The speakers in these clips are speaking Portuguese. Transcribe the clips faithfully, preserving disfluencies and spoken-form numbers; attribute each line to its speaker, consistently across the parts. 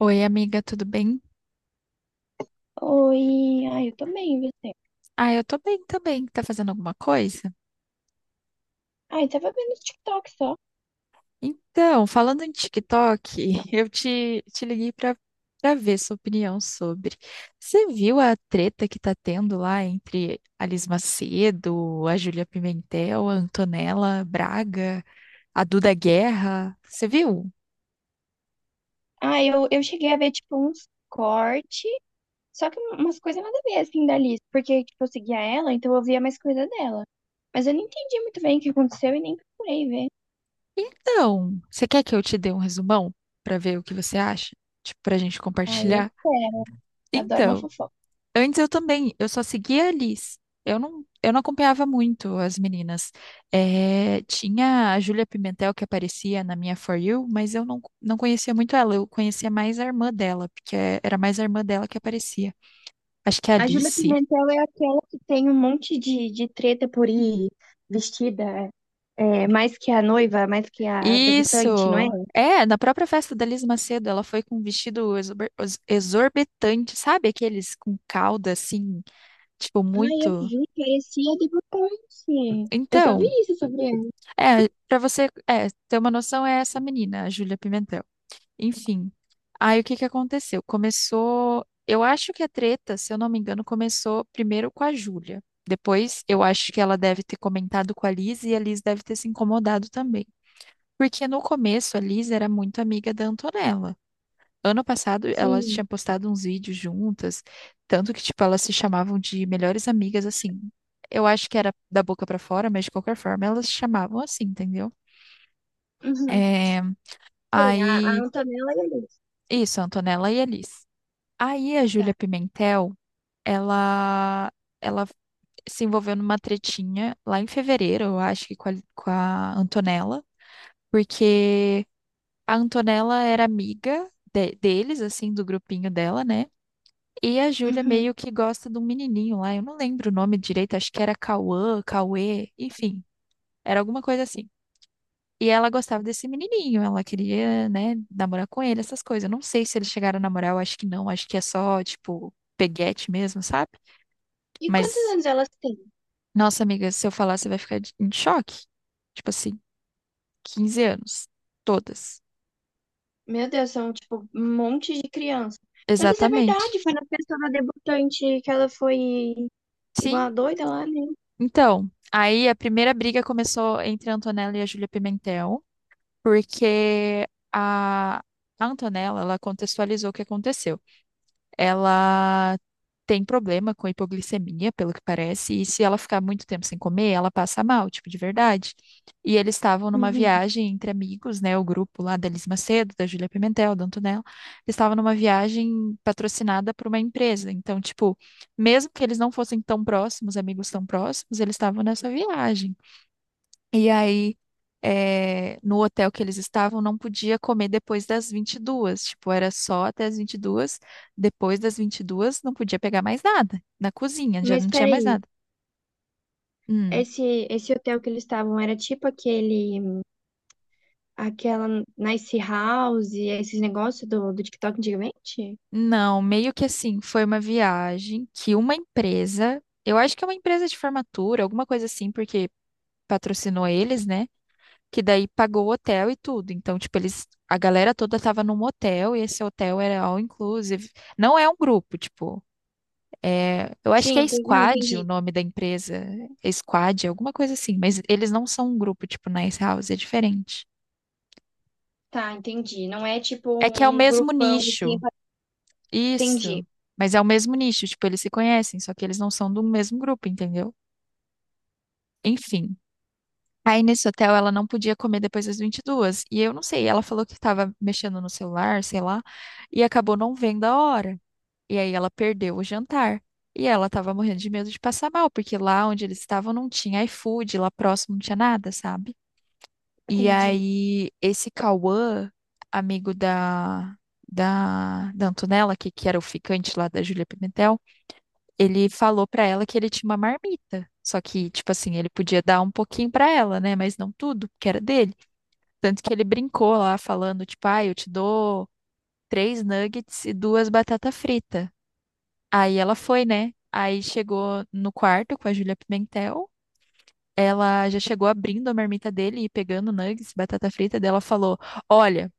Speaker 1: Oi, amiga, tudo bem?
Speaker 2: Oi, ai, eu também, você.
Speaker 1: Ah, eu tô bem também. Tá fazendo alguma coisa?
Speaker 2: Ai, tava vendo os TikTok só.
Speaker 1: Então, falando em TikTok, eu te, te liguei pra, pra ver sua opinião sobre. Você viu a treta que tá tendo lá entre a Liz Macedo, a Júlia Pimentel, a Antonella Braga, a Duda Guerra? Você viu?
Speaker 2: Ah, eu, eu cheguei a ver, tipo, uns cortes, só que um- umas coisas nada a ver, assim, da Liz, porque, tipo, eu seguia ela, então eu via mais coisa dela. Mas eu não entendi muito bem o que aconteceu e nem procurei ver.
Speaker 1: Então, você quer que eu te dê um resumão pra ver o que você acha? Tipo, pra gente
Speaker 2: Ai, eu
Speaker 1: compartilhar?
Speaker 2: quero, eu adoro uma
Speaker 1: Então.
Speaker 2: fofoca.
Speaker 1: Antes eu também, eu só seguia a Liz. Eu não, eu não acompanhava muito as meninas. Eh, tinha a Júlia Pimentel que aparecia na minha For You, mas eu não, não conhecia muito ela. Eu conhecia mais a irmã dela, porque é- era mais a irmã dela que aparecia. Acho que é a
Speaker 2: A Júlia
Speaker 1: Alice.
Speaker 2: Pimentel é aquela que tem um monte de, de treta por ir vestida, é, mais que a noiva, mais que a debutante, não é?
Speaker 1: Isso! É, na própria festa da Liz Macedo, ela foi com um vestido exorbi- ex- exorbitante, sabe? Aqueles com cauda, assim, tipo,
Speaker 2: Ai, eu
Speaker 1: muito.
Speaker 2: vi, parecia debutante. Eu só vi
Speaker 1: Então,
Speaker 2: isso sobre ela.
Speaker 1: é, pra você, é, ter uma noção, é essa menina, a Júlia Pimentel. Enfim. Aí o que que aconteceu? Começou. Eu acho que a treta, se eu não me engano, começou primeiro com a Júlia. Depois, eu acho que ela deve ter comentado com a Liz e a Liz deve ter se incomodado também. Porque no começo a Liz era muito amiga da Antonella. Ano passado ela
Speaker 2: Sim.
Speaker 1: tinha postado uns vídeos juntas, tanto que tipo elas se chamavam de melhores amigas assim. Eu acho que era da boca pra fora, mas de qualquer forma elas se chamavam assim, entendeu?
Speaker 2: Uhum.
Speaker 1: É...
Speaker 2: Sim, a, a
Speaker 1: Aí,
Speaker 2: Antonella e a Liz.
Speaker 1: isso, a Antonella e a Liz. Aí a Júlia
Speaker 2: Tá.
Speaker 1: Pimentel, ela, ela se envolveu numa tretinha lá em fevereiro, eu acho que com a, com a Antonella, porque a Antonella era amiga de- deles, assim, do grupinho dela, né? E a Júlia
Speaker 2: Uhum.
Speaker 1: meio que gosta de um menininho lá, eu não lembro o nome direito, acho que era Cauã, Cauê, enfim, era alguma coisa assim. E ela gostava desse menininho, ela queria, né, namorar com ele, essas coisas. Eu não sei se eles chegaram a namorar, eu acho que não, acho que é só, tipo, peguete mesmo, sabe?
Speaker 2: E quantos
Speaker 1: Mas,
Speaker 2: anos elas têm?
Speaker 1: nossa amiga, se eu falar, você vai ficar de- em choque. Tipo assim, quinze anos. Todas.
Speaker 2: Meu Deus, são tipo um monte de criança. Meu Deus, é
Speaker 1: Exatamente.
Speaker 2: verdade, foi na festa da debutante que ela foi igual
Speaker 1: Sim.
Speaker 2: a doida lá, né?
Speaker 1: Então, aí a primeira briga começou entre a Antonella e a Júlia Pimentel, porque a a Antonella, ela contextualizou o que aconteceu. Ela tem problema com hipoglicemia, pelo que parece, e se ela ficar muito tempo sem comer, ela passa mal, tipo, de verdade. E eles estavam numa
Speaker 2: Uhum.
Speaker 1: viagem entre amigos, né? O grupo lá da Elis Macedo, da Júlia Pimentel, da Antonella. Eles estavam numa viagem patrocinada por uma empresa. Então, tipo, mesmo que eles não fossem tão próximos, amigos tão próximos, eles estavam nessa viagem. E aí, eh, no hotel que eles estavam, não podia comer depois das vinte e duas. Tipo, era só até as vinte e duas. Depois das vinte e duas não podia pegar mais nada. Na cozinha, já
Speaker 2: Mas
Speaker 1: não tinha mais
Speaker 2: peraí,
Speaker 1: nada. Hum.
Speaker 2: esse, esse hotel que eles estavam era tipo aquele, aquela Nice House, esses negócios do, do TikTok antigamente?
Speaker 1: Não, meio que assim, foi uma viagem que uma empresa, eu acho que é uma empresa de formatura, alguma coisa assim, porque patrocinou eles, né? Que daí pagou o hotel e tudo. Então, tipo, eles, a galera toda tava num hotel e esse hotel era all inclusive. Não é um grupo, tipo. É, eu acho que
Speaker 2: Sim,
Speaker 1: é
Speaker 2: entendi. Não,
Speaker 1: Squad o
Speaker 2: entendi.
Speaker 1: nome da empresa. É Squad, alguma coisa assim. Mas eles não são um grupo tipo Nice House, é diferente.
Speaker 2: Tá, entendi. Não é tipo
Speaker 1: É que é o
Speaker 2: um
Speaker 1: mesmo
Speaker 2: grupão assim,
Speaker 1: nicho.
Speaker 2: pra- entendi,
Speaker 1: Isso. Mas é o mesmo nicho. Tipo, eles se conhecem, só que eles não são do mesmo grupo, entendeu? Enfim. Aí nesse hotel ela não podia comer depois das vinte e duas. E eu não sei, ela falou que estava mexendo no celular, sei lá, e acabou não vendo a hora. E aí ela perdeu o jantar. E ela tava morrendo de medo de passar mal, porque lá onde eles estavam não tinha iFood, lá próximo não tinha nada, sabe? E
Speaker 2: entendi.
Speaker 1: aí esse Cauã, amigo da, da, da Antonella, que, que era o ficante lá da Júlia Pimentel, ele falou pra ela que ele tinha uma marmita. Só que, tipo assim, ele podia dar um pouquinho pra ela, né? Mas não tudo, porque era dele. Tanto que ele brincou lá, falando, tipo, ah, eu te dou três nuggets e duas batata frita. Aí ela foi, né? Aí chegou no quarto com a Júlia Pimentel. Ela já chegou abrindo a marmita dele e pegando nuggets, batata frita dela falou: "Olha,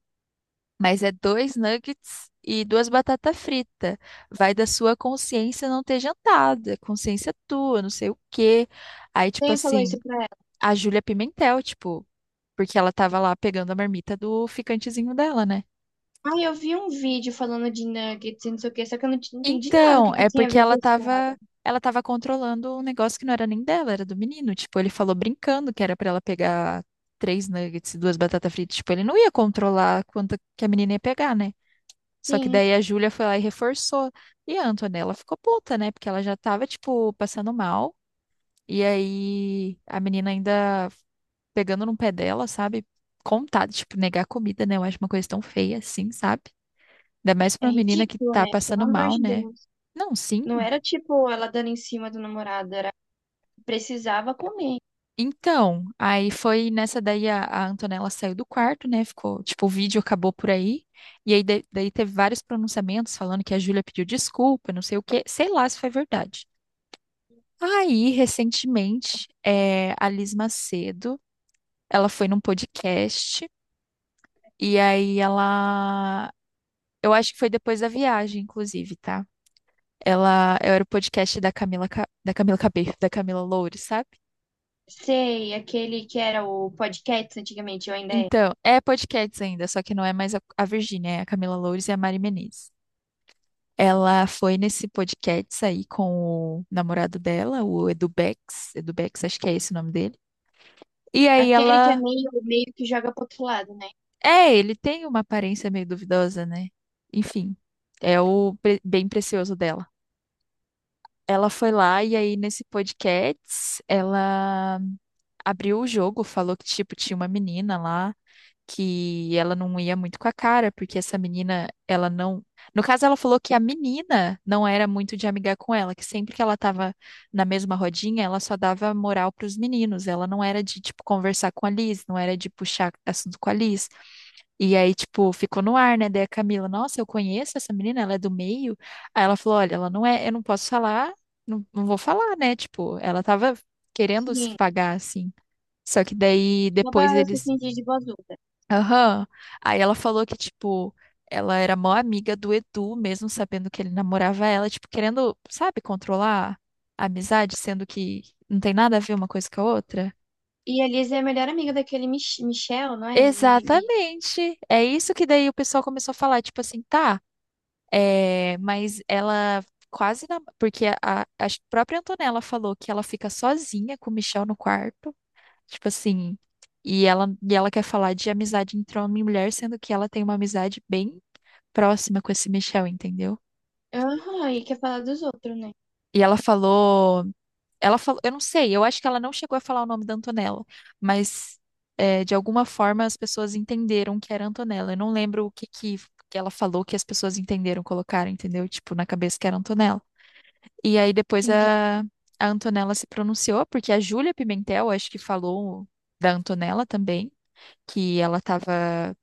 Speaker 1: mas é dois nuggets e duas batatas fritas. Vai da sua consciência não ter jantado, é consciência tua, não sei o quê". Aí tipo
Speaker 2: Quem falou
Speaker 1: assim,
Speaker 2: isso pra ela?
Speaker 1: a Júlia Pimentel, tipo, porque ela tava lá pegando a marmita do ficantezinho dela, né?
Speaker 2: Ai, eu vi um vídeo falando de nuggets e não sei o que, só que eu não t- entendi nada do
Speaker 1: Então,
Speaker 2: que, que
Speaker 1: é
Speaker 2: tinha a
Speaker 1: porque
Speaker 2: ver com
Speaker 1: ela
Speaker 2: a história.
Speaker 1: tava, ela tava controlando um negócio que não era nem dela, era do menino. Tipo, ele falou brincando que era pra ela pegar três nuggets e duas batatas fritas. Tipo, ele não ia controlar quanto que a menina ia pegar, né? Só que
Speaker 2: Sim,
Speaker 1: daí a Júlia foi lá e reforçou. E a Antonella ficou puta, né? Porque ela já tava, tipo, passando mal. E aí a menina ainda pegando no pé dela, sabe? Contada, tipo, negar comida, né? Eu acho uma coisa tão feia assim, sabe? Ainda mais pra
Speaker 2: é
Speaker 1: uma menina que
Speaker 2: ridículo,
Speaker 1: tá
Speaker 2: né? Pelo
Speaker 1: passando
Speaker 2: amor
Speaker 1: mal,
Speaker 2: de
Speaker 1: né?
Speaker 2: Deus.
Speaker 1: Não, sim.
Speaker 2: Não era tipo ela dando em cima do namorado, era precisava comer.
Speaker 1: Então, aí foi nessa daí a, a Antonella saiu do quarto, né? Ficou, tipo, o vídeo acabou por aí. E aí de- daí teve vários pronunciamentos falando que a Júlia pediu desculpa, não sei o quê, sei lá se foi verdade. Aí, recentemente, é, a Liz Macedo, ela foi num podcast e aí ela, eu acho que foi depois da viagem, inclusive, tá? Ela era o podcast da Camila, Ca- da Camila Cabello, da Camila Loures, sabe?
Speaker 2: Sei, aquele que era o podcast antigamente, ou ainda é.
Speaker 1: Então, é podcast ainda, só que não é mais a, a Virgínia, é a Camila Loures e a Mari Menezes. Ela foi nesse podcast aí com o namorado dela, o Edu Bex, Edu Bex, acho que é esse o nome dele. E aí
Speaker 2: Aquele que é
Speaker 1: ela,
Speaker 2: meio, meio que joga pro outro lado, né?
Speaker 1: é, ele tem uma aparência meio duvidosa, né? Enfim, é o pre- bem precioso dela. Ela foi lá e aí nesse podcast ela abriu o jogo, falou que tipo tinha uma menina lá que ela não ia muito com a cara, porque essa menina, ela não. No caso, ela falou que a menina não era muito de amigar com ela, que sempre que ela tava na mesma rodinha, ela só dava moral pros meninos. Ela não era de, tipo, conversar com a Liz, não era de puxar assunto com a Liz. E aí, tipo, ficou no ar, né? Daí a Camila, nossa, eu conheço essa menina, ela é do meio. Aí ela falou: olha, ela não é, eu não posso falar, não, não vou falar, né? Tipo, ela tava querendo se
Speaker 2: Sim,
Speaker 1: pagar assim. Só que daí
Speaker 2: só pra
Speaker 1: depois
Speaker 2: se
Speaker 1: eles.
Speaker 2: fingir de boazuda.
Speaker 1: Aham. Aí ela falou que, tipo, ela era mó amiga do Edu, mesmo sabendo que ele namorava ela, tipo, querendo, sabe, controlar a amizade, sendo que não tem nada a ver uma coisa com a outra.
Speaker 2: E a Liz é a melhor amiga daquele Mich Michel, não é? Mi- Mi-
Speaker 1: Exatamente. É isso que daí o pessoal começou a falar, tipo assim, tá, é, mas ela quase na... porque a, a a própria Antonella falou que ela fica sozinha com o Michel no quarto, tipo assim, e ela, e ela quer falar de amizade entre homem e mulher, sendo que ela tem uma amizade bem próxima com esse Michel, entendeu?
Speaker 2: Aham, e quer falar dos outros, né?
Speaker 1: E ela falou, ela falou, eu não sei, eu acho que ela não chegou a falar o nome da Antonella, mas é, de alguma forma as pessoas entenderam que era Antonella. Eu não lembro o que que, que ela falou que as pessoas entenderam, colocaram, entendeu? Tipo, na cabeça que era Antonella. E aí depois
Speaker 2: Entendi.
Speaker 1: a, a, Antonella se pronunciou, porque a Júlia Pimentel, acho que falou da Antonella também, que ela tava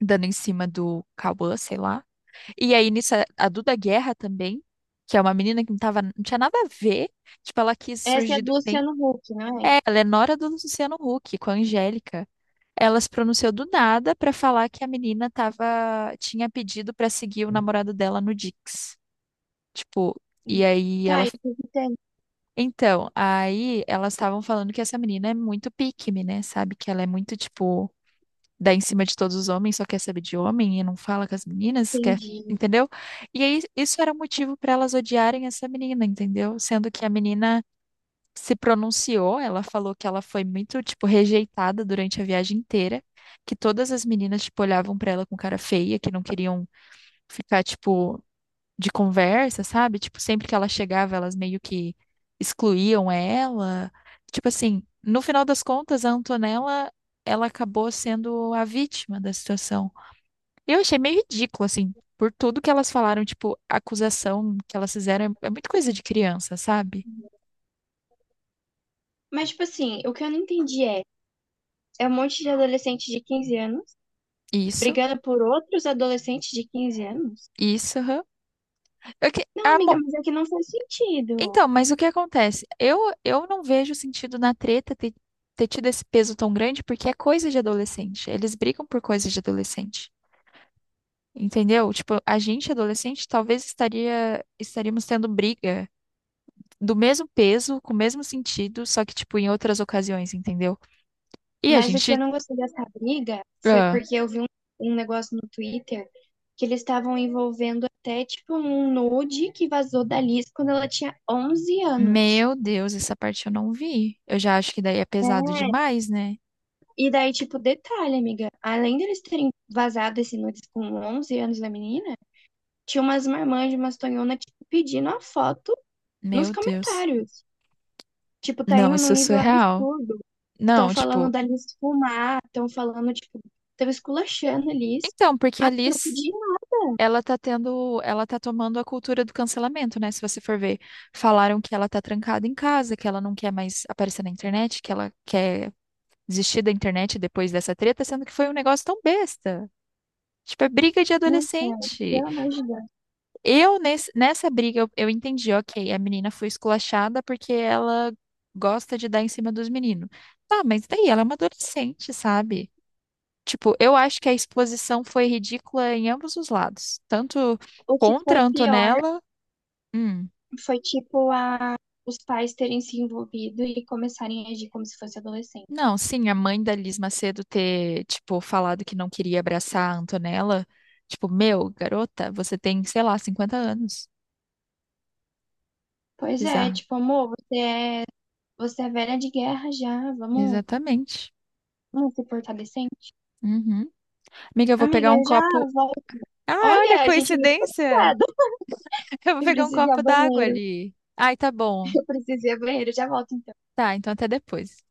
Speaker 1: dando em cima do Cauã, sei lá. E aí, nisso, a a Duda Guerra também, que é uma menina que não tava, não tinha nada a ver. Tipo, ela quis
Speaker 2: Essa é a
Speaker 1: surgir do
Speaker 2: do
Speaker 1: bem.
Speaker 2: Luciano Huck, não é?
Speaker 1: É, ela é nora do Luciano Huck, com a Angélica. Ela se pronunciou do nada pra falar que a menina tava, tinha pedido pra seguir o namorado dela no Dix. Tipo,
Speaker 2: Hum.
Speaker 1: e aí
Speaker 2: Tá,
Speaker 1: ela.
Speaker 2: eu até
Speaker 1: Então, aí elas estavam falando que essa menina é muito pique-me, né? Sabe? Que ela é muito, tipo, dá em cima de todos os homens, só quer saber de homem e não fala com as meninas, quer,
Speaker 2: entendi.
Speaker 1: entendeu? E aí isso era motivo para elas odiarem essa menina, entendeu? Sendo que a menina se pronunciou, ela falou que ela foi muito, tipo, rejeitada durante a viagem inteira, que todas as meninas, tipo, olhavam para ela com cara feia, que não queriam ficar, tipo, de conversa, sabe? Tipo, sempre que ela chegava, elas meio que excluíam ela. Tipo assim, no final das contas, a Antonella, ela acabou sendo a vítima da situação. Eu achei meio ridículo, assim, por tudo que elas falaram, tipo, a acusação que elas fizeram é é muito coisa de criança, sabe?
Speaker 2: Mas, tipo assim, o que eu não entendi é, é um monte de adolescente de quinze anos
Speaker 1: Isso,
Speaker 2: brigando por outros adolescentes de quinze anos?
Speaker 1: isso, aham. Eu que-
Speaker 2: Não,
Speaker 1: a
Speaker 2: amiga,
Speaker 1: mo-
Speaker 2: mas é que não faz sentido.
Speaker 1: Então, mas o que acontece? Eu, eu não vejo sentido na treta ter ter tido esse peso tão grande porque é coisa de adolescente. Eles brigam por coisa de adolescente. Entendeu? Tipo, a gente adolescente talvez estaria estaríamos tendo briga do mesmo peso, com o mesmo sentido, só que tipo em outras ocasiões, entendeu? E a
Speaker 2: Mas o que
Speaker 1: gente,
Speaker 2: eu não gostei dessa briga foi
Speaker 1: ah,
Speaker 2: porque eu vi um, um negócio no Twitter que eles estavam envolvendo até, tipo, um nude que vazou da Liz quando ela tinha onze anos.
Speaker 1: meu Deus, essa parte eu não vi. Eu já acho que daí é
Speaker 2: Né?
Speaker 1: pesado demais, né?
Speaker 2: E daí, tipo, detalhe, amiga, além deles terem vazado esse nudes com onze anos da menina, tinha umas marmãs de umas tonhona, tipo, pedindo a foto nos
Speaker 1: Meu Deus.
Speaker 2: comentários. Tipo, tá
Speaker 1: Não,
Speaker 2: indo num
Speaker 1: isso é
Speaker 2: nível
Speaker 1: surreal.
Speaker 2: absurdo. Estão
Speaker 1: Não,
Speaker 2: falando
Speaker 1: tipo,
Speaker 2: da Liz fumar, estão falando, tipo, estão esculachando a Liz.
Speaker 1: então, porque a
Speaker 2: Eu
Speaker 1: Liz,
Speaker 2: pedi uma-
Speaker 1: ela tá tendo, ela tá tomando a cultura do cancelamento, né? Se você for ver, falaram que ela tá trancada em casa, que ela não quer mais aparecer na internet, que ela quer desistir da internet depois dessa treta, sendo que foi um negócio tão besta. Tipo, é briga de
Speaker 2: Nossa,
Speaker 1: adolescente.
Speaker 2: pelo amor de Deus.
Speaker 1: Eu, nesse, nessa briga, eu, eu entendi, ok, a menina foi esculachada porque ela gosta de dar em cima dos meninos. Tá, mas daí ela é uma adolescente, sabe? Tipo, eu acho que a exposição foi ridícula em ambos os lados. Tanto
Speaker 2: O que foi
Speaker 1: contra a
Speaker 2: pior
Speaker 1: Antonella. hum,
Speaker 2: foi, tipo, a... os pais terem se envolvido e começarem a agir como se fosse adolescente.
Speaker 1: Não, sim, a mãe da Liz Macedo ter, tipo, falado que não queria abraçar a Antonella. Tipo, meu, garota, você tem, sei lá, cinquenta anos.
Speaker 2: Pois é,
Speaker 1: Bizarro.
Speaker 2: tipo, amor, você é, você é velha de guerra já, vamos
Speaker 1: Exatamente.
Speaker 2: Não, Uma supercadecente?
Speaker 1: Uhum. Amiga, eu vou
Speaker 2: Amiga,
Speaker 1: pegar um
Speaker 2: eu já
Speaker 1: copo.
Speaker 2: volto.
Speaker 1: Ah, olha,
Speaker 2: Olha, a gente é muito
Speaker 1: coincidência!
Speaker 2: conectada.
Speaker 1: Eu vou
Speaker 2: Eu
Speaker 1: pegar um
Speaker 2: preciso ir
Speaker 1: copo
Speaker 2: ao
Speaker 1: d'água
Speaker 2: banheiro.
Speaker 1: ali. Ai, tá bom.
Speaker 2: Eu preciso ir ao banheiro. Já volto.
Speaker 1: Tá, então até depois.